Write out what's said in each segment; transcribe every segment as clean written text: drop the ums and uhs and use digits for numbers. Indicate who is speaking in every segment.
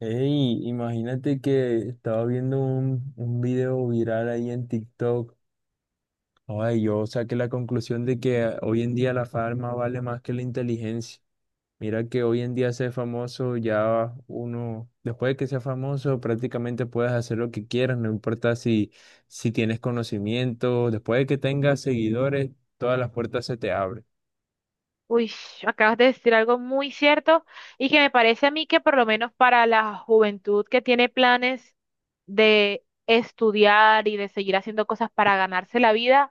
Speaker 1: Ey, imagínate que estaba viendo un video viral ahí en TikTok. Ay, yo saqué la conclusión de que hoy en día la fama vale más que la inteligencia. Mira que hoy en día ser famoso ya uno, después de que sea famoso, prácticamente puedes hacer lo que quieras, no importa si tienes conocimiento, después de que tengas seguidores, todas las puertas se te abren.
Speaker 2: Uy, acabas de decir algo muy cierto y que me parece a mí que por lo menos para la juventud que tiene planes de estudiar y de seguir haciendo cosas para ganarse la vida,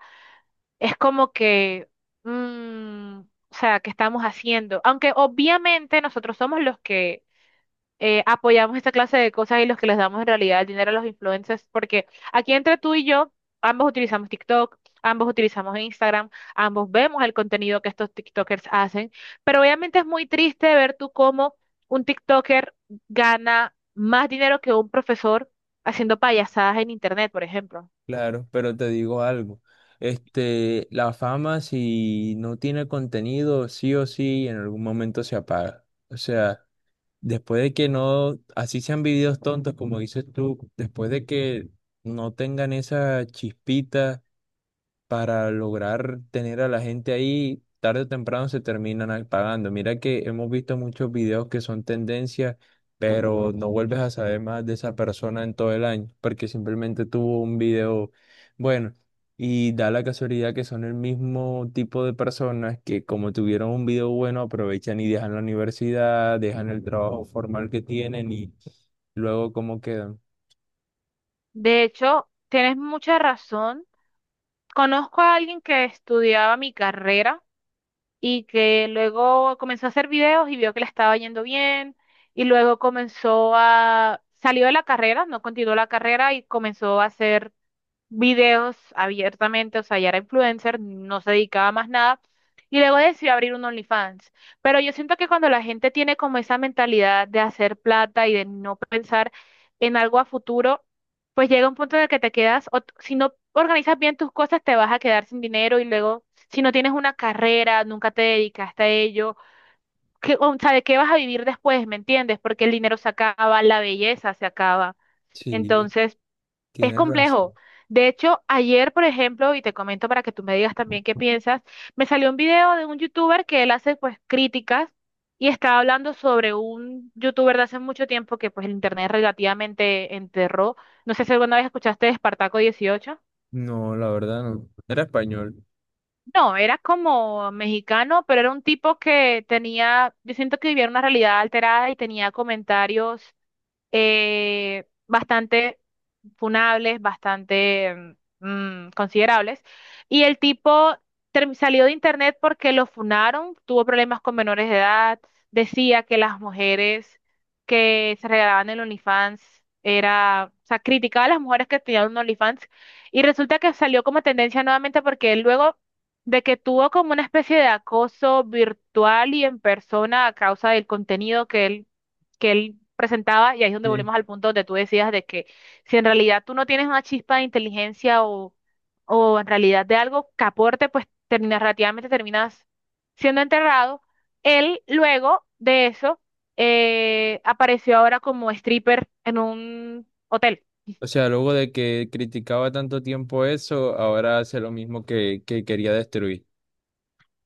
Speaker 2: es como que, o sea, ¿qué estamos haciendo? Aunque obviamente nosotros somos los que apoyamos esta clase de cosas y los que les damos en realidad el dinero a los influencers, porque aquí entre tú y yo, ambos utilizamos TikTok, ambos utilizamos Instagram, ambos vemos el contenido que estos TikTokers hacen, pero obviamente es muy triste ver tú cómo un TikToker gana más dinero que un profesor haciendo payasadas en internet, por ejemplo.
Speaker 1: Claro, pero te digo algo. La fama, si no tiene contenido, sí o sí, en algún momento se apaga. O sea, después de que no, así sean videos tontos, como dices tú, después de que no tengan esa chispita, para lograr tener a la gente ahí, tarde o temprano se terminan pagando. Mira que hemos visto muchos videos que son tendencias, pero no vuelves a saber más de esa persona en todo el año, porque simplemente tuvo un video bueno. Y da la casualidad que son el mismo tipo de personas que como tuvieron un video bueno, aprovechan y dejan la universidad, dejan el trabajo formal que tienen y luego cómo quedan.
Speaker 2: De hecho, tienes mucha razón. Conozco a alguien que estudiaba mi carrera y que luego comenzó a hacer videos y vio que le estaba yendo bien y luego comenzó a, salió de la carrera, no continuó la carrera y comenzó a hacer videos abiertamente, o sea, ya era influencer, no se dedicaba a más nada, y luego decidió abrir un OnlyFans. Pero yo siento que cuando la gente tiene como esa mentalidad de hacer plata y de no pensar en algo a futuro, pues llega un punto en el que te quedas, o si no organizas bien tus cosas, te vas a quedar sin dinero y luego, si no tienes una carrera, nunca te dedicaste a ello, ¿qué, o sea, ¿de qué vas a vivir después? ¿Me entiendes? Porque el dinero se acaba, la belleza se acaba.
Speaker 1: Sí,
Speaker 2: Entonces, es
Speaker 1: tienes
Speaker 2: complejo.
Speaker 1: razón.
Speaker 2: De hecho, ayer, por ejemplo, y te comento para que tú me digas también qué piensas, me salió un video de un youtuber que él hace pues críticas y estaba hablando sobre un youtuber de hace mucho tiempo que pues el internet relativamente enterró. No sé si alguna vez escuchaste de Espartaco 18.
Speaker 1: No, la verdad no. Era español.
Speaker 2: No, era como mexicano, pero era un tipo que tenía, yo siento que vivía una realidad alterada y tenía comentarios bastante funables, bastante considerables. Y el tipo salió de internet porque lo funaron, tuvo problemas con menores de edad, decía que las mujeres que se regalaban el OnlyFans era, o sea, criticaba a las mujeres que tenían un OnlyFans y resulta que salió como tendencia nuevamente porque él luego de que tuvo como una especie de acoso virtual y en persona a causa del contenido que él presentaba, y ahí es donde volvemos al punto donde tú decías de que si en realidad tú no tienes una chispa de inteligencia o en realidad de algo que aporte, pues terminas, relativamente terminas siendo enterrado. Él luego de eso apareció ahora como stripper en un hotel.
Speaker 1: O sea, luego de que criticaba tanto tiempo eso, ahora hace lo mismo que quería destruir.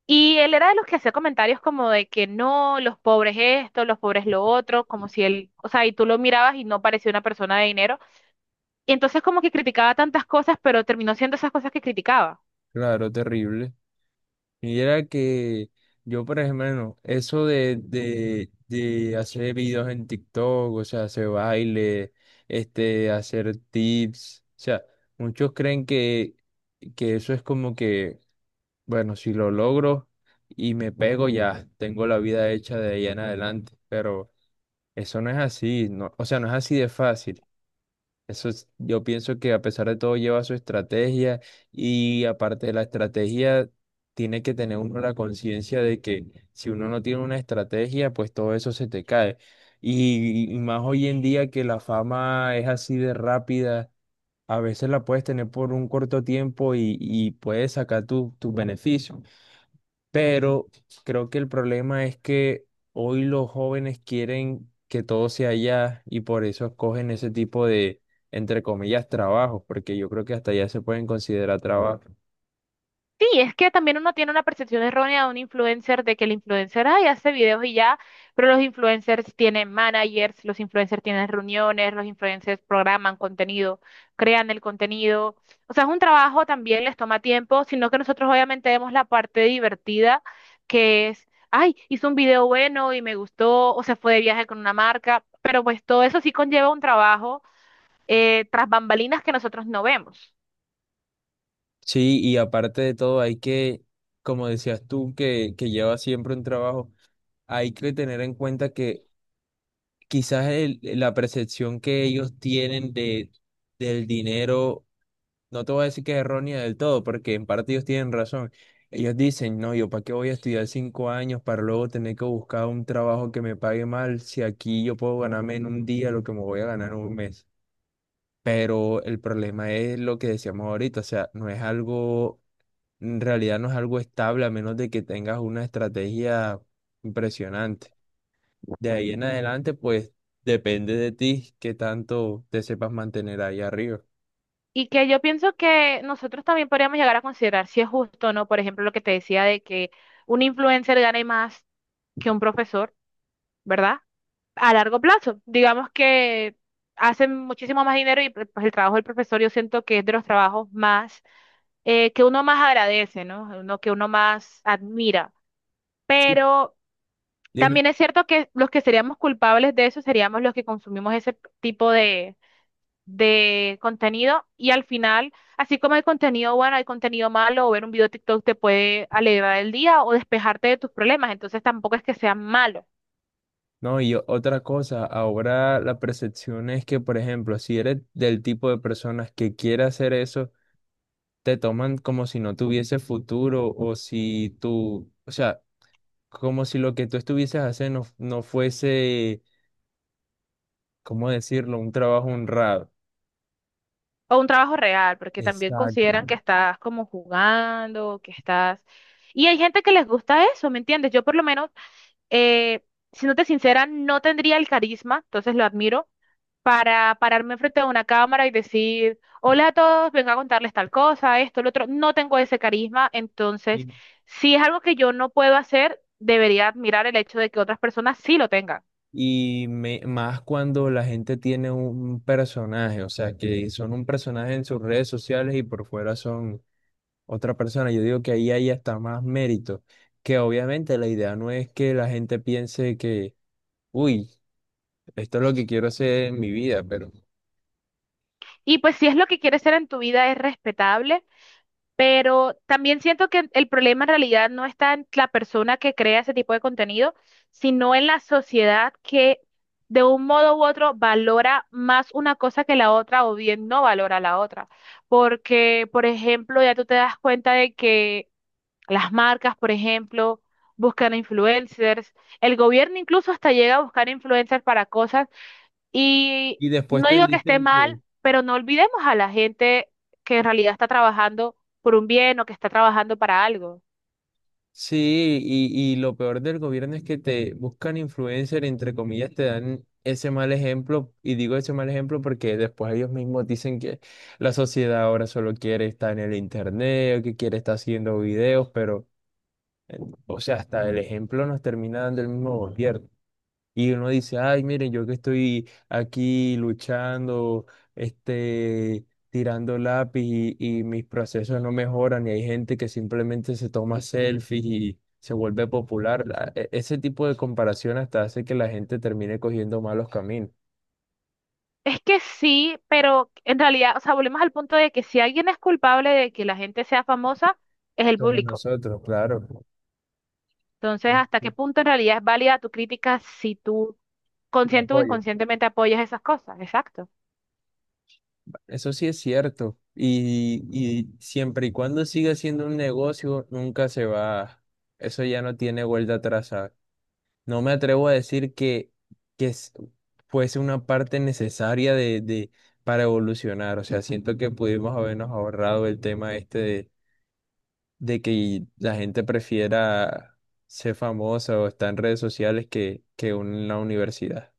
Speaker 2: Y él era de los que hacía comentarios como de que no, los pobres esto, los pobres lo otro, como si él, o sea, y tú lo mirabas y no parecía una persona de dinero. Y entonces como que criticaba tantas cosas, pero terminó siendo esas cosas que criticaba.
Speaker 1: Claro, terrible. Y era que yo, por ejemplo, eso de hacer videos en TikTok, o sea, hacer baile, hacer tips, o sea, muchos creen que eso es como que, bueno, si lo logro y me pego, ya tengo la vida hecha de ahí en adelante, pero eso no es así, no, o sea, no es así de fácil. Yo pienso que a pesar de todo lleva su estrategia y aparte de la estrategia, tiene que tener uno la conciencia de que si uno no tiene una estrategia, pues todo eso se te cae. Y más hoy en día que la fama es así de rápida, a veces la puedes tener por un corto tiempo y puedes sacar tus beneficios. Pero creo que el problema es que hoy los jóvenes quieren que todo sea allá y por eso escogen ese tipo de, entre comillas, trabajos, porque yo creo que hasta allá se pueden considerar trabajo.
Speaker 2: Sí, es que también uno tiene una percepción errónea de un influencer, de que el influencer, ay, hace videos y ya, pero los influencers tienen managers, los influencers tienen reuniones, los influencers programan contenido, crean el contenido. O sea, es un trabajo, también les toma tiempo, sino que nosotros obviamente vemos la parte divertida, que es, ay, hizo un video bueno y me gustó, o se fue de viaje con una marca, pero pues todo eso sí conlleva un trabajo tras bambalinas que nosotros no vemos.
Speaker 1: Sí, y aparte de todo, hay que, como decías tú, que llevas siempre un trabajo, hay que tener en cuenta que quizás la percepción que ellos tienen del dinero. No te voy a decir que es errónea del todo, porque en parte ellos tienen razón. Ellos dicen, no, yo para qué voy a estudiar 5 años para luego tener que buscar un trabajo que me pague mal si aquí yo puedo ganarme en un día lo que me voy a ganar en un mes. Pero el problema es lo que decíamos ahorita, o sea, no es algo, en realidad no es algo estable a menos de que tengas una estrategia impresionante. De ahí en adelante, pues depende de ti qué tanto te sepas mantener ahí arriba.
Speaker 2: Y que yo pienso que nosotros también podríamos llegar a considerar si es justo o no, por ejemplo, lo que te decía de que un influencer gane más que un profesor, ¿verdad? A largo plazo. Digamos que hacen muchísimo más dinero y pues el trabajo del profesor yo siento que es de los trabajos más, que uno más agradece, ¿no? Uno que uno más admira.
Speaker 1: Sí.
Speaker 2: Pero también es cierto que los que seríamos culpables de eso seríamos los que consumimos ese tipo de contenido y al final, así como hay contenido bueno, hay contenido malo o ver un video de TikTok te puede alegrar el día o despejarte de tus problemas, entonces tampoco es que sea malo
Speaker 1: No, y otra cosa, ahora la percepción es que, por ejemplo, si eres del tipo de personas que quiere hacer eso, te toman como si no tuviese futuro o si tú, o sea, como si lo que tú estuvieses haciendo no, no fuese, ¿cómo decirlo?, un trabajo honrado.
Speaker 2: o un trabajo real, porque también
Speaker 1: Exacto.
Speaker 2: consideran que estás como jugando, que estás... Y hay gente que les gusta eso, ¿me entiendes? Yo por lo menos, eh, siéndote sincera, no tendría el carisma, entonces lo admiro para pararme frente a una cámara y decir, hola a todos, vengo a contarles tal cosa, esto, lo otro. No tengo ese carisma, entonces,
Speaker 1: Y,
Speaker 2: si es algo que yo no puedo hacer, debería admirar el hecho de que otras personas sí lo tengan.
Speaker 1: y más cuando la gente tiene un personaje, o sea, que son un personaje en sus redes sociales y por fuera son otra persona. Yo digo que ahí hay hasta más mérito, que obviamente la idea no es que la gente piense que, uy, esto es lo que quiero hacer en mi vida, pero.
Speaker 2: Y pues si es lo que quieres ser en tu vida, es respetable. Pero también siento que el problema en realidad no está en la persona que crea ese tipo de contenido, sino en la sociedad que de un modo u otro valora más una cosa que la otra o bien no valora la otra. Porque, por ejemplo, ya tú te das cuenta de que las marcas, por ejemplo, buscan influencers, el gobierno incluso hasta llega a buscar influencers para cosas y
Speaker 1: Y después
Speaker 2: no
Speaker 1: te
Speaker 2: digo que esté
Speaker 1: dicen que
Speaker 2: mal, pero no olvidemos a la gente que en realidad está trabajando por un bien o que está trabajando para algo.
Speaker 1: sí, y lo peor del gobierno es que te buscan influencer, entre comillas, te dan ese mal ejemplo, y digo ese mal ejemplo porque después ellos mismos dicen que la sociedad ahora solo quiere estar en el internet, o que quiere estar haciendo videos, pero, o sea, hasta el ejemplo nos termina dando el mismo gobierno. Y uno dice, ay, miren, yo que estoy aquí luchando, tirando lápiz y mis procesos no mejoran, y hay gente que simplemente se toma selfies y se vuelve popular. Ese tipo de comparación hasta hace que la gente termine cogiendo malos caminos,
Speaker 2: Es que sí, pero en realidad, o sea, volvemos al punto de que si alguien es culpable de que la gente sea famosa, es el
Speaker 1: como
Speaker 2: público.
Speaker 1: nosotros, claro.
Speaker 2: Entonces, ¿hasta qué
Speaker 1: Sí,
Speaker 2: punto en realidad es válida tu crítica si tú
Speaker 1: lo
Speaker 2: consciente o
Speaker 1: apoyas.
Speaker 2: inconscientemente apoyas esas cosas? Exacto.
Speaker 1: Eso sí es cierto. Y siempre y cuando siga siendo un negocio, nunca se va. Eso ya no tiene vuelta atrás, ¿sabes? No me atrevo a decir que fuese una parte necesaria para evolucionar. O sea, siento que pudimos habernos ahorrado el tema este de que la gente prefiera ser famosa o estar en redes sociales que en la universidad.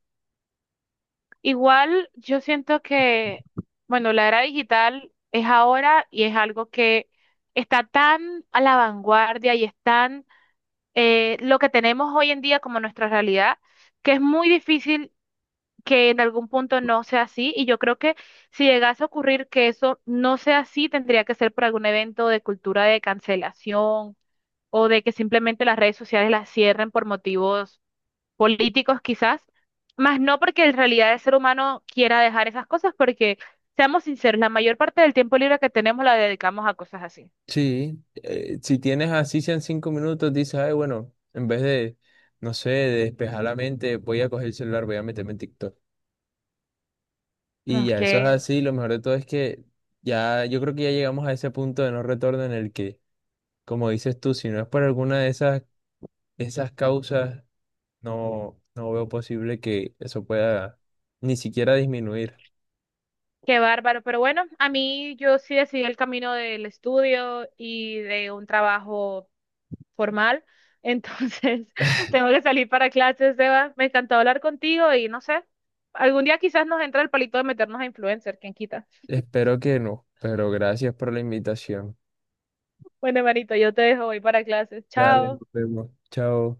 Speaker 2: Igual yo siento que, bueno, la era digital es ahora y es algo que está tan a la vanguardia y es tan lo que tenemos hoy en día como nuestra realidad, que es muy difícil que en algún punto no sea así. Y yo creo que si llegase a ocurrir que eso no sea así, tendría que ser por algún evento de cultura de cancelación o de que simplemente las redes sociales las cierren por motivos políticos quizás, más no porque en realidad el ser humano quiera dejar esas cosas, porque seamos sinceros, la mayor parte del tiempo libre que tenemos la dedicamos a cosas así.
Speaker 1: Sí, si tienes así sean 5 minutos, dices, ay, bueno, en vez de, no sé, de despejar la mente, voy a coger el celular, voy a meterme en TikTok. Y
Speaker 2: Ah,
Speaker 1: ya, eso es
Speaker 2: qué,
Speaker 1: así. Lo mejor de todo es que ya, yo creo que ya llegamos a ese punto de no retorno en el que, como dices tú, si no es por alguna de esas causas, no veo posible que eso pueda ni siquiera disminuir.
Speaker 2: qué bárbaro, pero bueno, a mí yo sí decidí el camino del estudio y de un trabajo formal, entonces tengo que salir para clases, Eva. Me encantó hablar contigo y no sé, algún día quizás nos entra el palito de meternos a influencer, quién quita.
Speaker 1: Espero que no, pero gracias por la invitación.
Speaker 2: Bueno, hermanito, yo te dejo, voy para clases,
Speaker 1: Dale,
Speaker 2: chao.
Speaker 1: nos vemos. Chao.